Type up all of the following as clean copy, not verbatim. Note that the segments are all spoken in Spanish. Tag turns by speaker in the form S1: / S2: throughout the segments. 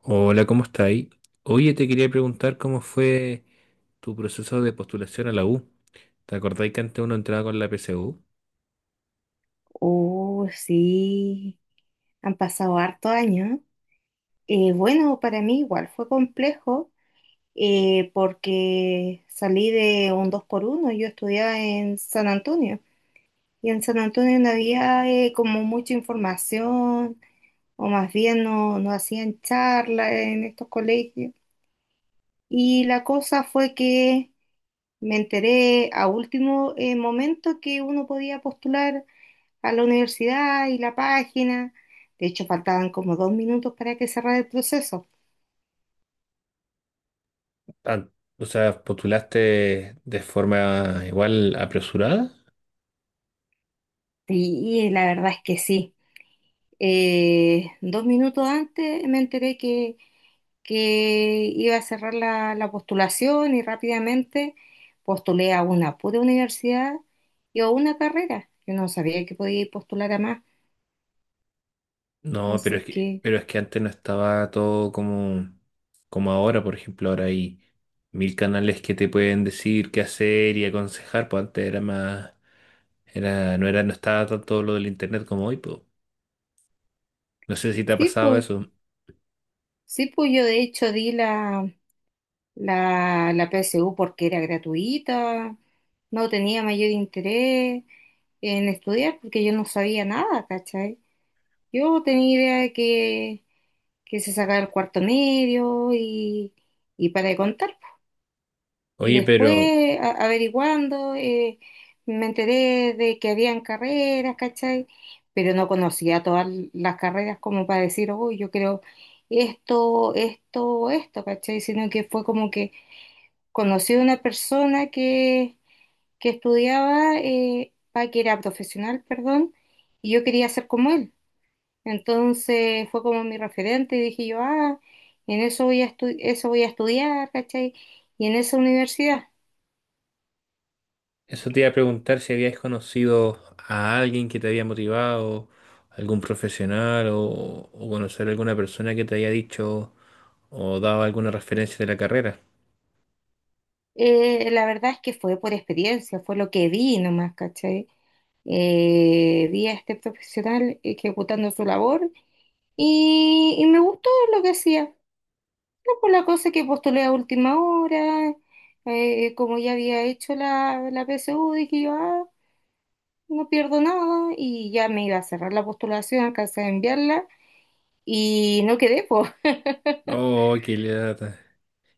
S1: Hola, ¿cómo estáis? Oye, te quería preguntar cómo fue tu proceso de postulación a la U. ¿Te acordáis que antes uno entraba con la PSU?
S2: Oh, sí, han pasado harto años. Bueno, para mí igual fue complejo porque salí de un 2 por uno. Yo estudiaba en San Antonio y en San Antonio no había como mucha información, o más bien no hacían charlas en estos colegios. Y la cosa fue que me enteré a último momento que uno podía postular a la universidad y la página. De hecho, faltaban como dos minutos para que cerrara el proceso.
S1: An- ¿Postulaste de forma igual apresurada?
S2: Sí, la verdad es que sí. Dos minutos antes me enteré que iba a cerrar la postulación, y rápidamente postulé a una pura universidad y a una carrera. Yo no sabía que podía ir postular a más.
S1: No,
S2: Así que
S1: pero es que antes no estaba todo como ahora, por ejemplo, ahora hay mil canales que te pueden decir qué hacer y aconsejar, pues antes no era, no estaba tanto lo del internet como hoy, pues. No sé si te ha
S2: sí,
S1: pasado
S2: pues,
S1: eso.
S2: sí, pues yo de hecho la PSU porque era gratuita, no tenía mayor interés en estudiar porque yo no sabía nada, ¿cachai? Yo tenía idea que se sacaba el cuarto medio y para de contar. Y
S1: Oye.
S2: después, averiguando, me enteré de que habían carreras, ¿cachai? Pero no conocía todas las carreras como para decir, uy, yo creo esto, esto, esto, ¿cachai? Sino que fue como que conocí a una persona que estudiaba, que era profesional, perdón, y yo quería ser como él. Entonces fue como mi referente y dije yo, ah, en eso voy a estu- eso voy a estudiar, ¿cachai? Y en esa universidad.
S1: Eso te iba a preguntar, si habías conocido a alguien que te había motivado, algún o conocer a alguna persona que te haya dicho o dado alguna referencia de la carrera.
S2: La verdad es que fue por experiencia, fue lo que vi nomás, ¿cachai? Vi a este profesional ejecutando su labor y me gustó lo que hacía. Pues la cosa es que postulé a última hora, como ya había hecho la PSU, dije yo, ah, no pierdo nada, y ya me iba a cerrar la postulación, alcancé a enviarla, y no quedé, pues,
S1: Oh, qué lata.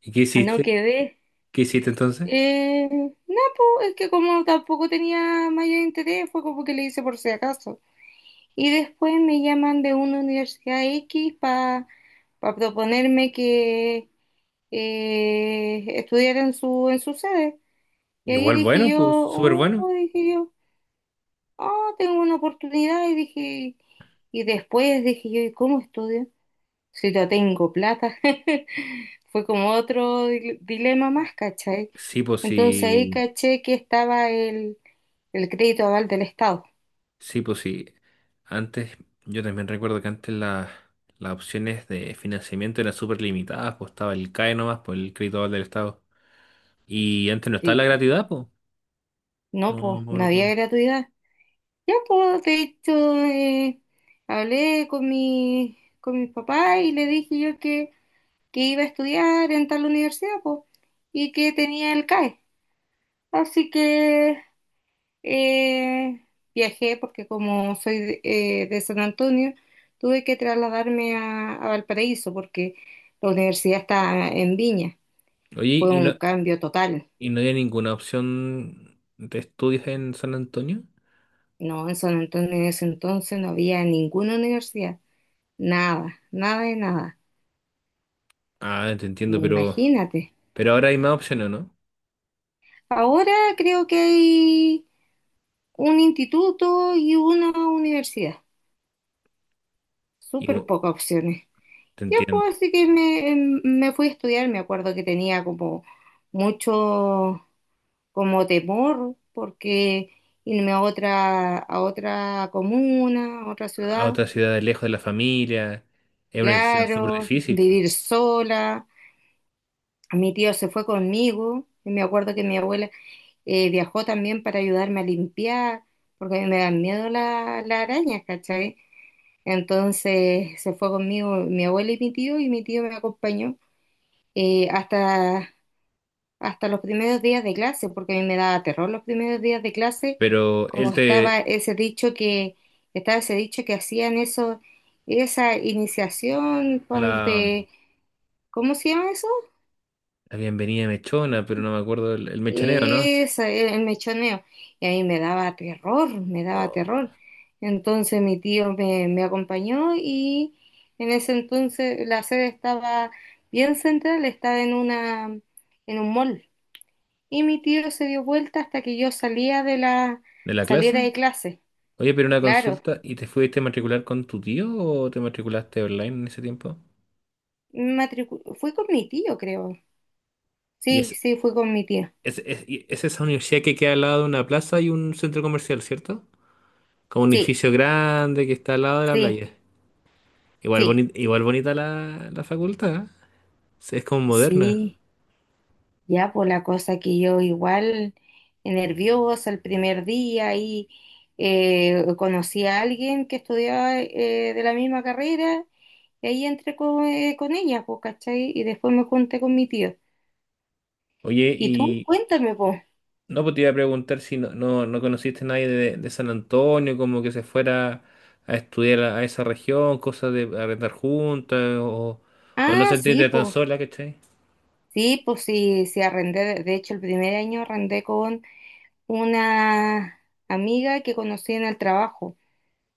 S1: ¿Y qué
S2: no
S1: hiciste?
S2: quedé.
S1: ¿Qué hiciste entonces?
S2: No, pues, es que como tampoco tenía mayor interés, fue como que le hice por si acaso. Y después me llaman de una universidad X para proponerme que estudiara en su sede. Y ahí
S1: Igual
S2: dije yo,
S1: súper bueno.
S2: oh, dije yo, ah, tengo una oportunidad. Y dije, y después dije yo, ¿y cómo estudio? Si no tengo plata. Fue como otro dilema más, ¿cachai?
S1: Sí, pues
S2: Entonces ahí
S1: sí.
S2: caché que estaba el crédito aval del Estado.
S1: Sí, pues sí. Antes, yo también recuerdo que antes las opciones de financiamiento eran súper limitadas, pues estaba el CAE nomás, pues el crédito Oval del Estado. Y antes no estaba la
S2: Y
S1: gratuidad, pues.
S2: no,
S1: No, no no
S2: pues, no
S1: no puedo.
S2: había gratuidad. Ya, pues, de hecho, hablé con mi, con mis papás y le dije yo que iba a estudiar en tal universidad, po, y que tenía el CAE. Así que eh, viajé, porque como soy de San Antonio, tuve que trasladarme a Valparaíso, porque la universidad está en Viña.
S1: Oye,
S2: Fue un cambio total.
S1: ¿y no había ninguna opción de estudios en San Antonio?
S2: No, en San Antonio en ese entonces no había ninguna universidad. Nada, nada de nada.
S1: Ah, te
S2: Imagínate.
S1: pero ahora hay más opciones, ¿no?
S2: Ahora creo que hay un instituto y una universidad.
S1: Y
S2: Súper
S1: bu-
S2: pocas opciones.
S1: Te
S2: Ya
S1: entiendo.
S2: pues así que me fui a estudiar, me acuerdo que tenía como mucho como temor porque irme a otra comuna, a otra
S1: A
S2: ciudad,
S1: otra ciudad, de lejos de la familia, es una decisión súper
S2: claro,
S1: difícil.
S2: vivir sola. Mi tío se fue conmigo, y me acuerdo que mi abuela viajó también para ayudarme a limpiar, porque a mí me dan miedo las arañas, ¿cachai? Entonces se fue conmigo mi abuela y mi tío me acompañó. eh, hasta, Hasta los primeros días de clase, porque a mí me daba terror los primeros días de clase,
S1: Pero él
S2: como estaba
S1: te...
S2: ese estaba ese dicho que hacían eso, esa iniciación cuando
S1: La,
S2: te, ¿cómo se llama eso?
S1: la bienvenida mechona, pero no me acuerdo, el mechoneo, ¿no?
S2: Esa, el mechoneo. Y a mí me daba terror, me daba
S1: O-
S2: terror. Entonces mi tío me, me acompañó y en ese entonces la sede estaba bien central, estaba en una, en un mall. Y mi tío se dio vuelta hasta que yo
S1: ¿De la
S2: saliera de
S1: clase?
S2: clase.
S1: Oye, pero una
S2: Claro,
S1: consulta, ¿y te fuiste a matricular con tu tío o te matriculaste online en ese tiempo?
S2: fui con mi tío, creo.
S1: y
S2: Sí,
S1: es
S2: sí, fui con mi tío.
S1: es esa universidad que queda al lado de una plaza y un centro comercial, ¿cierto? Como un
S2: Sí,
S1: edificio grande que está al lado de la
S2: sí,
S1: playa. Igual,
S2: sí.
S1: bonita la facultad, ¿eh? Sí, es como moderna.
S2: Sí, ya por la cosa que yo igual nerviosa el primer día, y conocí a alguien que estudiaba de la misma carrera y ahí entré con ella, pues, ¿cachai? Y después me junté con mi tío.
S1: Oye,
S2: ¿Y tú?
S1: y
S2: Cuéntame, pues.
S1: no, pues te iba a preguntar si no conociste a nadie de, de San Antonio, como que se fuera a estudiar a esa región, cosas de arrendar o no
S2: Ah, sí,
S1: sentiste tan
S2: pues.
S1: sola, ¿cachai?
S2: Sí, pues sí, sí arrendé. De hecho, el primer año arrendé con una amiga que conocí en el trabajo.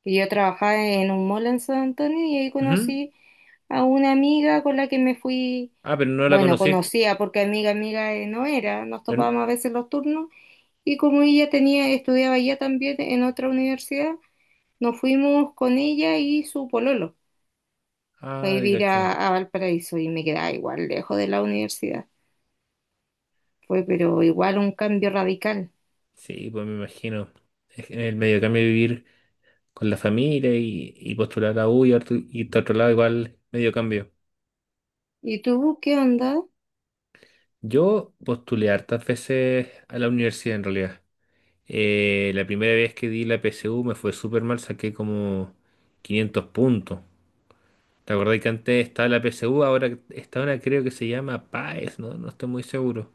S2: Que yo trabajaba en un mall en San Antonio y ahí
S1: Ujú.
S2: conocí a una amiga con la que me fui,
S1: Ah, pero no la
S2: bueno,
S1: conocí.
S2: conocía porque amiga, amiga no era, nos
S1: pero-
S2: topábamos a veces los turnos, y como ella tenía, estudiaba ya también en otra universidad, nos fuimos con ella y su pololo a
S1: Ah, de
S2: vivir
S1: cachón.
S2: a Valparaíso, y me quedaba igual lejos de la universidad. Fue, pero igual un cambio radical.
S1: Sí, pues me imagino. Es que en el medio cambio vivir con la familia y postular a U y a otro lado, igual medio cambio.
S2: ¿Y tú qué onda?
S1: Yo postulé hartas veces a la universidad en realidad. La primera vez que di la PSU me fue súper mal, saqué como 500 puntos. ¿Te acordás que antes estaba la PSU? Ahora está una, creo que se llama PAES, ¿no? No estoy muy seguro.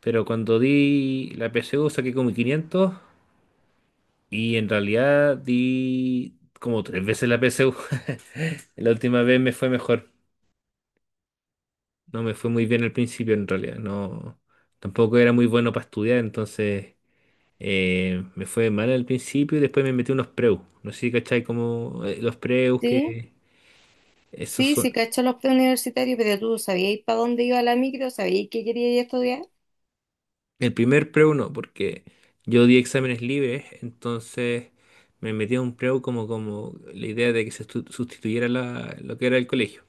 S1: Pero cuando di la PSU saqué como quinientos. Y en realidad di como tres veces la PSU. La última vez me fue mejor. No me fue muy bien al principio en realidad. No, tampoco era muy bueno para estudiar, entonces me fue mal al principio y después me metí unos preus. No sé si cachai como los preus
S2: Sí,
S1: que esos
S2: sí,
S1: son.
S2: sí, cachó los preuniversitarios, pero tú sabías para dónde iba la micro, sabías qué querías estudiar.
S1: El primer preu no, porque yo di exámenes libres, entonces me metí a un preu como, como la idea de que se sustituyera lo que era el colegio.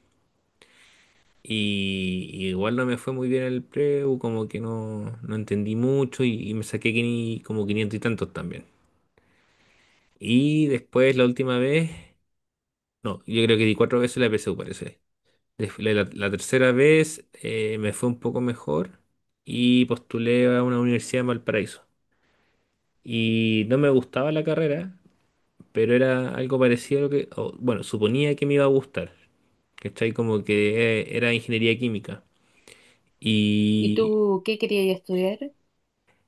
S1: Y igual no me fue muy bien el preu, como que no entendí mucho y me saqué como 500 y tantos también. Y después la última vez, no, yo creo que di cuatro veces la PSU, parece. La tercera vez, me fue un poco mejor y postulé a una universidad en Valparaíso. Y no me gustaba la carrera, pero era algo parecido a lo que, o, bueno, suponía que me iba a gustar, ¿cachai? Como que era ingeniería química.
S2: ¿Y tú qué querías estudiar?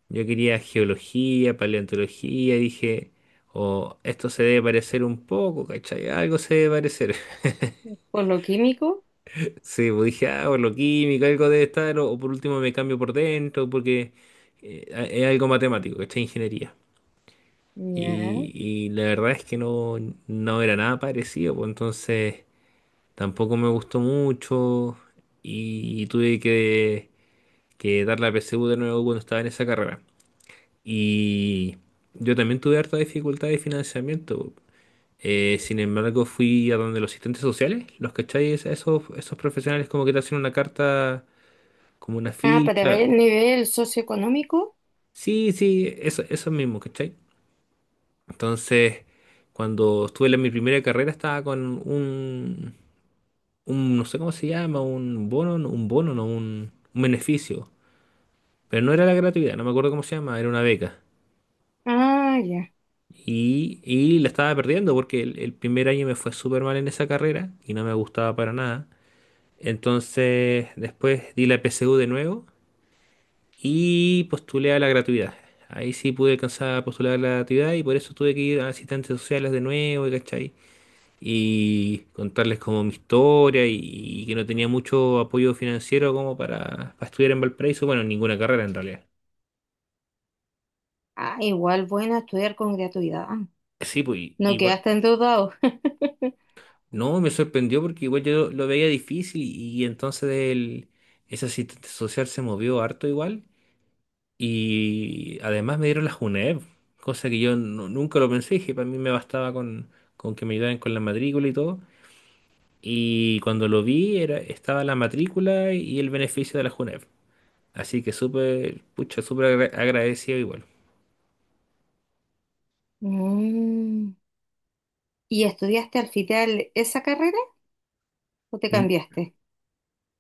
S1: Yo quería geología, paleontología, dije, o esto se debe parecer un poco, ¿cachai? Algo se debe parecer.
S2: ¿Por lo químico?
S1: Sí, pues dije, ah, por lo químico, algo debe o por último me cambio por dentro, porque es algo matemático, ¿cachai? Ingeniería.
S2: Ya.
S1: Y la verdad es que no, no era nada parecido, pues entonces tampoco me gustó mucho y tuve que dar la PSU de nuevo cuando estaba en esa carrera. Y yo también tuve harta dificultad de financiamiento. Sin embargo, fui a donde los asistentes sociales, los cacháis, esos profesionales como que te hacen una carta, como una
S2: Ah, para ver
S1: ficha.
S2: el nivel socioeconómico.
S1: Sí, sí, eso mismo, ¿cachai? Entonces, cuando estuve en mi primera carrera, estaba con un, un, no sé cómo se llama, un bono, no, un beneficio. Pero no era la gratuidad, no me acuerdo cómo se llama, era una beca.
S2: Ah, ya.
S1: Y la estaba perdiendo porque el primer año me fue súper mal en esa carrera y no me gustaba para nada. Entonces después di la PSU de nuevo y postulé a la gratuidad. Ahí sí pude alcanzar a postular a la gratuidad y por eso tuve que ir a asistentes sociales de nuevo, y ¿cachai? Y contarles como mi historia, y que no tenía mucho apoyo financiero como para estudiar en Valparaíso. Bueno, ninguna carrera en realidad.
S2: Ah, igual bueno estudiar con gratuidad.
S1: Sí, pues
S2: No
S1: igual.
S2: quedaste endeudado.
S1: No, me sorprendió porque igual yo lo veía difícil, y entonces ese asistente social se movió harto igual, y además me dieron la JUNEV, cosa que yo nunca lo pensé, que para mí me bastaba con que me ayudaran con la matrícula y todo. Y cuando lo vi era, estaba la matrícula y el beneficio de la JUNEV. Así que súper, pucha, súper agradecido igual.
S2: Mm. ¿Y estudiaste al final esa carrera o te
S1: N-
S2: cambiaste?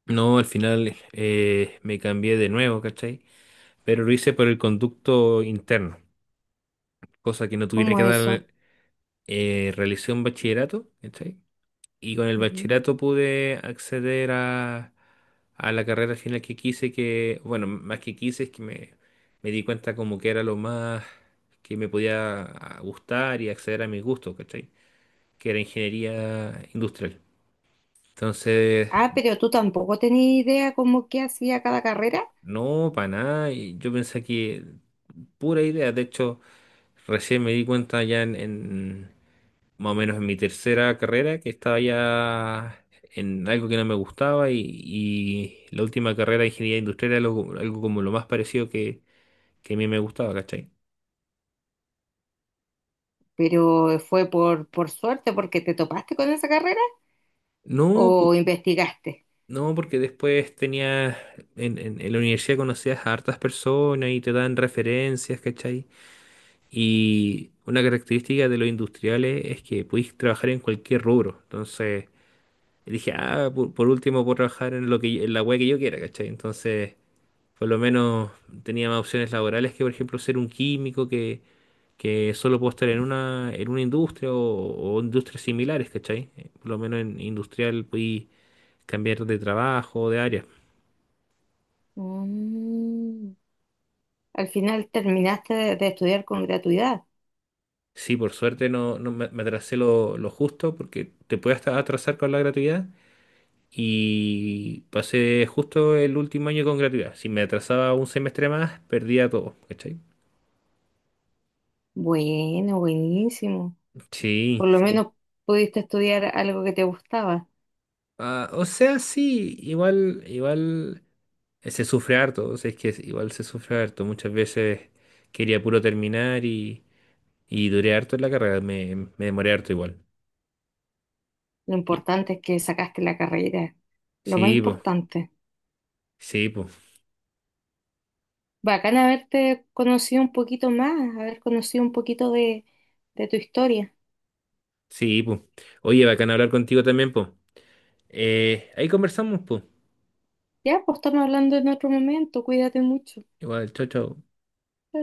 S1: No, al final me cambié de nuevo, ¿cachai? Pero lo hice por el conducto interno, cosa que no tuviera
S2: ¿Cómo
S1: que
S2: eso?
S1: dar. Realicé un bachillerato, ¿cachai? Y con el
S2: Ya.
S1: bachillerato pude acceder a la carrera final que quise, que, bueno, más que quise, es que me di cuenta como que era lo más que me podía ah, gustar, y acceder a mis gustos, ¿cachai? Que era ingeniería industrial. Entonces,
S2: Ah, pero tú tampoco tenías idea como qué hacía cada carrera,
S1: no, para nada, y yo pensé que pura idea, de hecho, recién me di cuenta ya más o menos en mi tercera carrera, que estaba ya en algo que no me gustaba, y la última carrera de ingeniería industrial era algo como lo más parecido que a mí me gustaba, ¿cachai?
S2: pero fue por suerte porque te topaste con esa carrera
S1: No, po-
S2: o investigaste.
S1: no, porque después tenía, en la universidad conocías a hartas personas y te dan referencias, ¿cachai? Y una característica de los industriales es que podéis trabajar en cualquier rubro, entonces... Dije, ah, por último puedo trabajar en lo que en la web que yo quiera, ¿cachai? Entonces, por lo menos tenía más opciones laborales que, por ejemplo, ser un químico que solo puedo estar en en una industria o industrias similares, ¿cachai? Por lo menos en industrial podí cambiar de trabajo, o de área.
S2: Mm, al final terminaste de estudiar con gratuidad.
S1: Sí, por suerte no, me atrasé lo justo, porque te puedes hasta atrasar con la gratuidad, y pasé justo el último año con gratuidad. Si me atrasaba un semestre más, perdía todo, ¿cachai?
S2: Bueno, buenísimo. Por
S1: Sí,
S2: lo
S1: sí.
S2: menos pudiste estudiar algo que te gustaba.
S1: Ah, o sea, sí, igual, igual. Se sufre harto, o sea, es que igual se sufre harto. Muchas veces quería puro terminar, y duré harto en la carrera, me demoré harto igual.
S2: Lo
S1: Y-
S2: importante es que sacaste la carrera. Lo más
S1: Sí, po,
S2: importante.
S1: sí, po,
S2: Bacán haberte conocido un poquito más, haber conocido un poquito de tu historia.
S1: sí, po. Oye, bacán hablar contigo también, po. Ahí conversamos, po.
S2: Ya, pues estamos hablando en otro momento, cuídate mucho.
S1: Igual, chao, chao.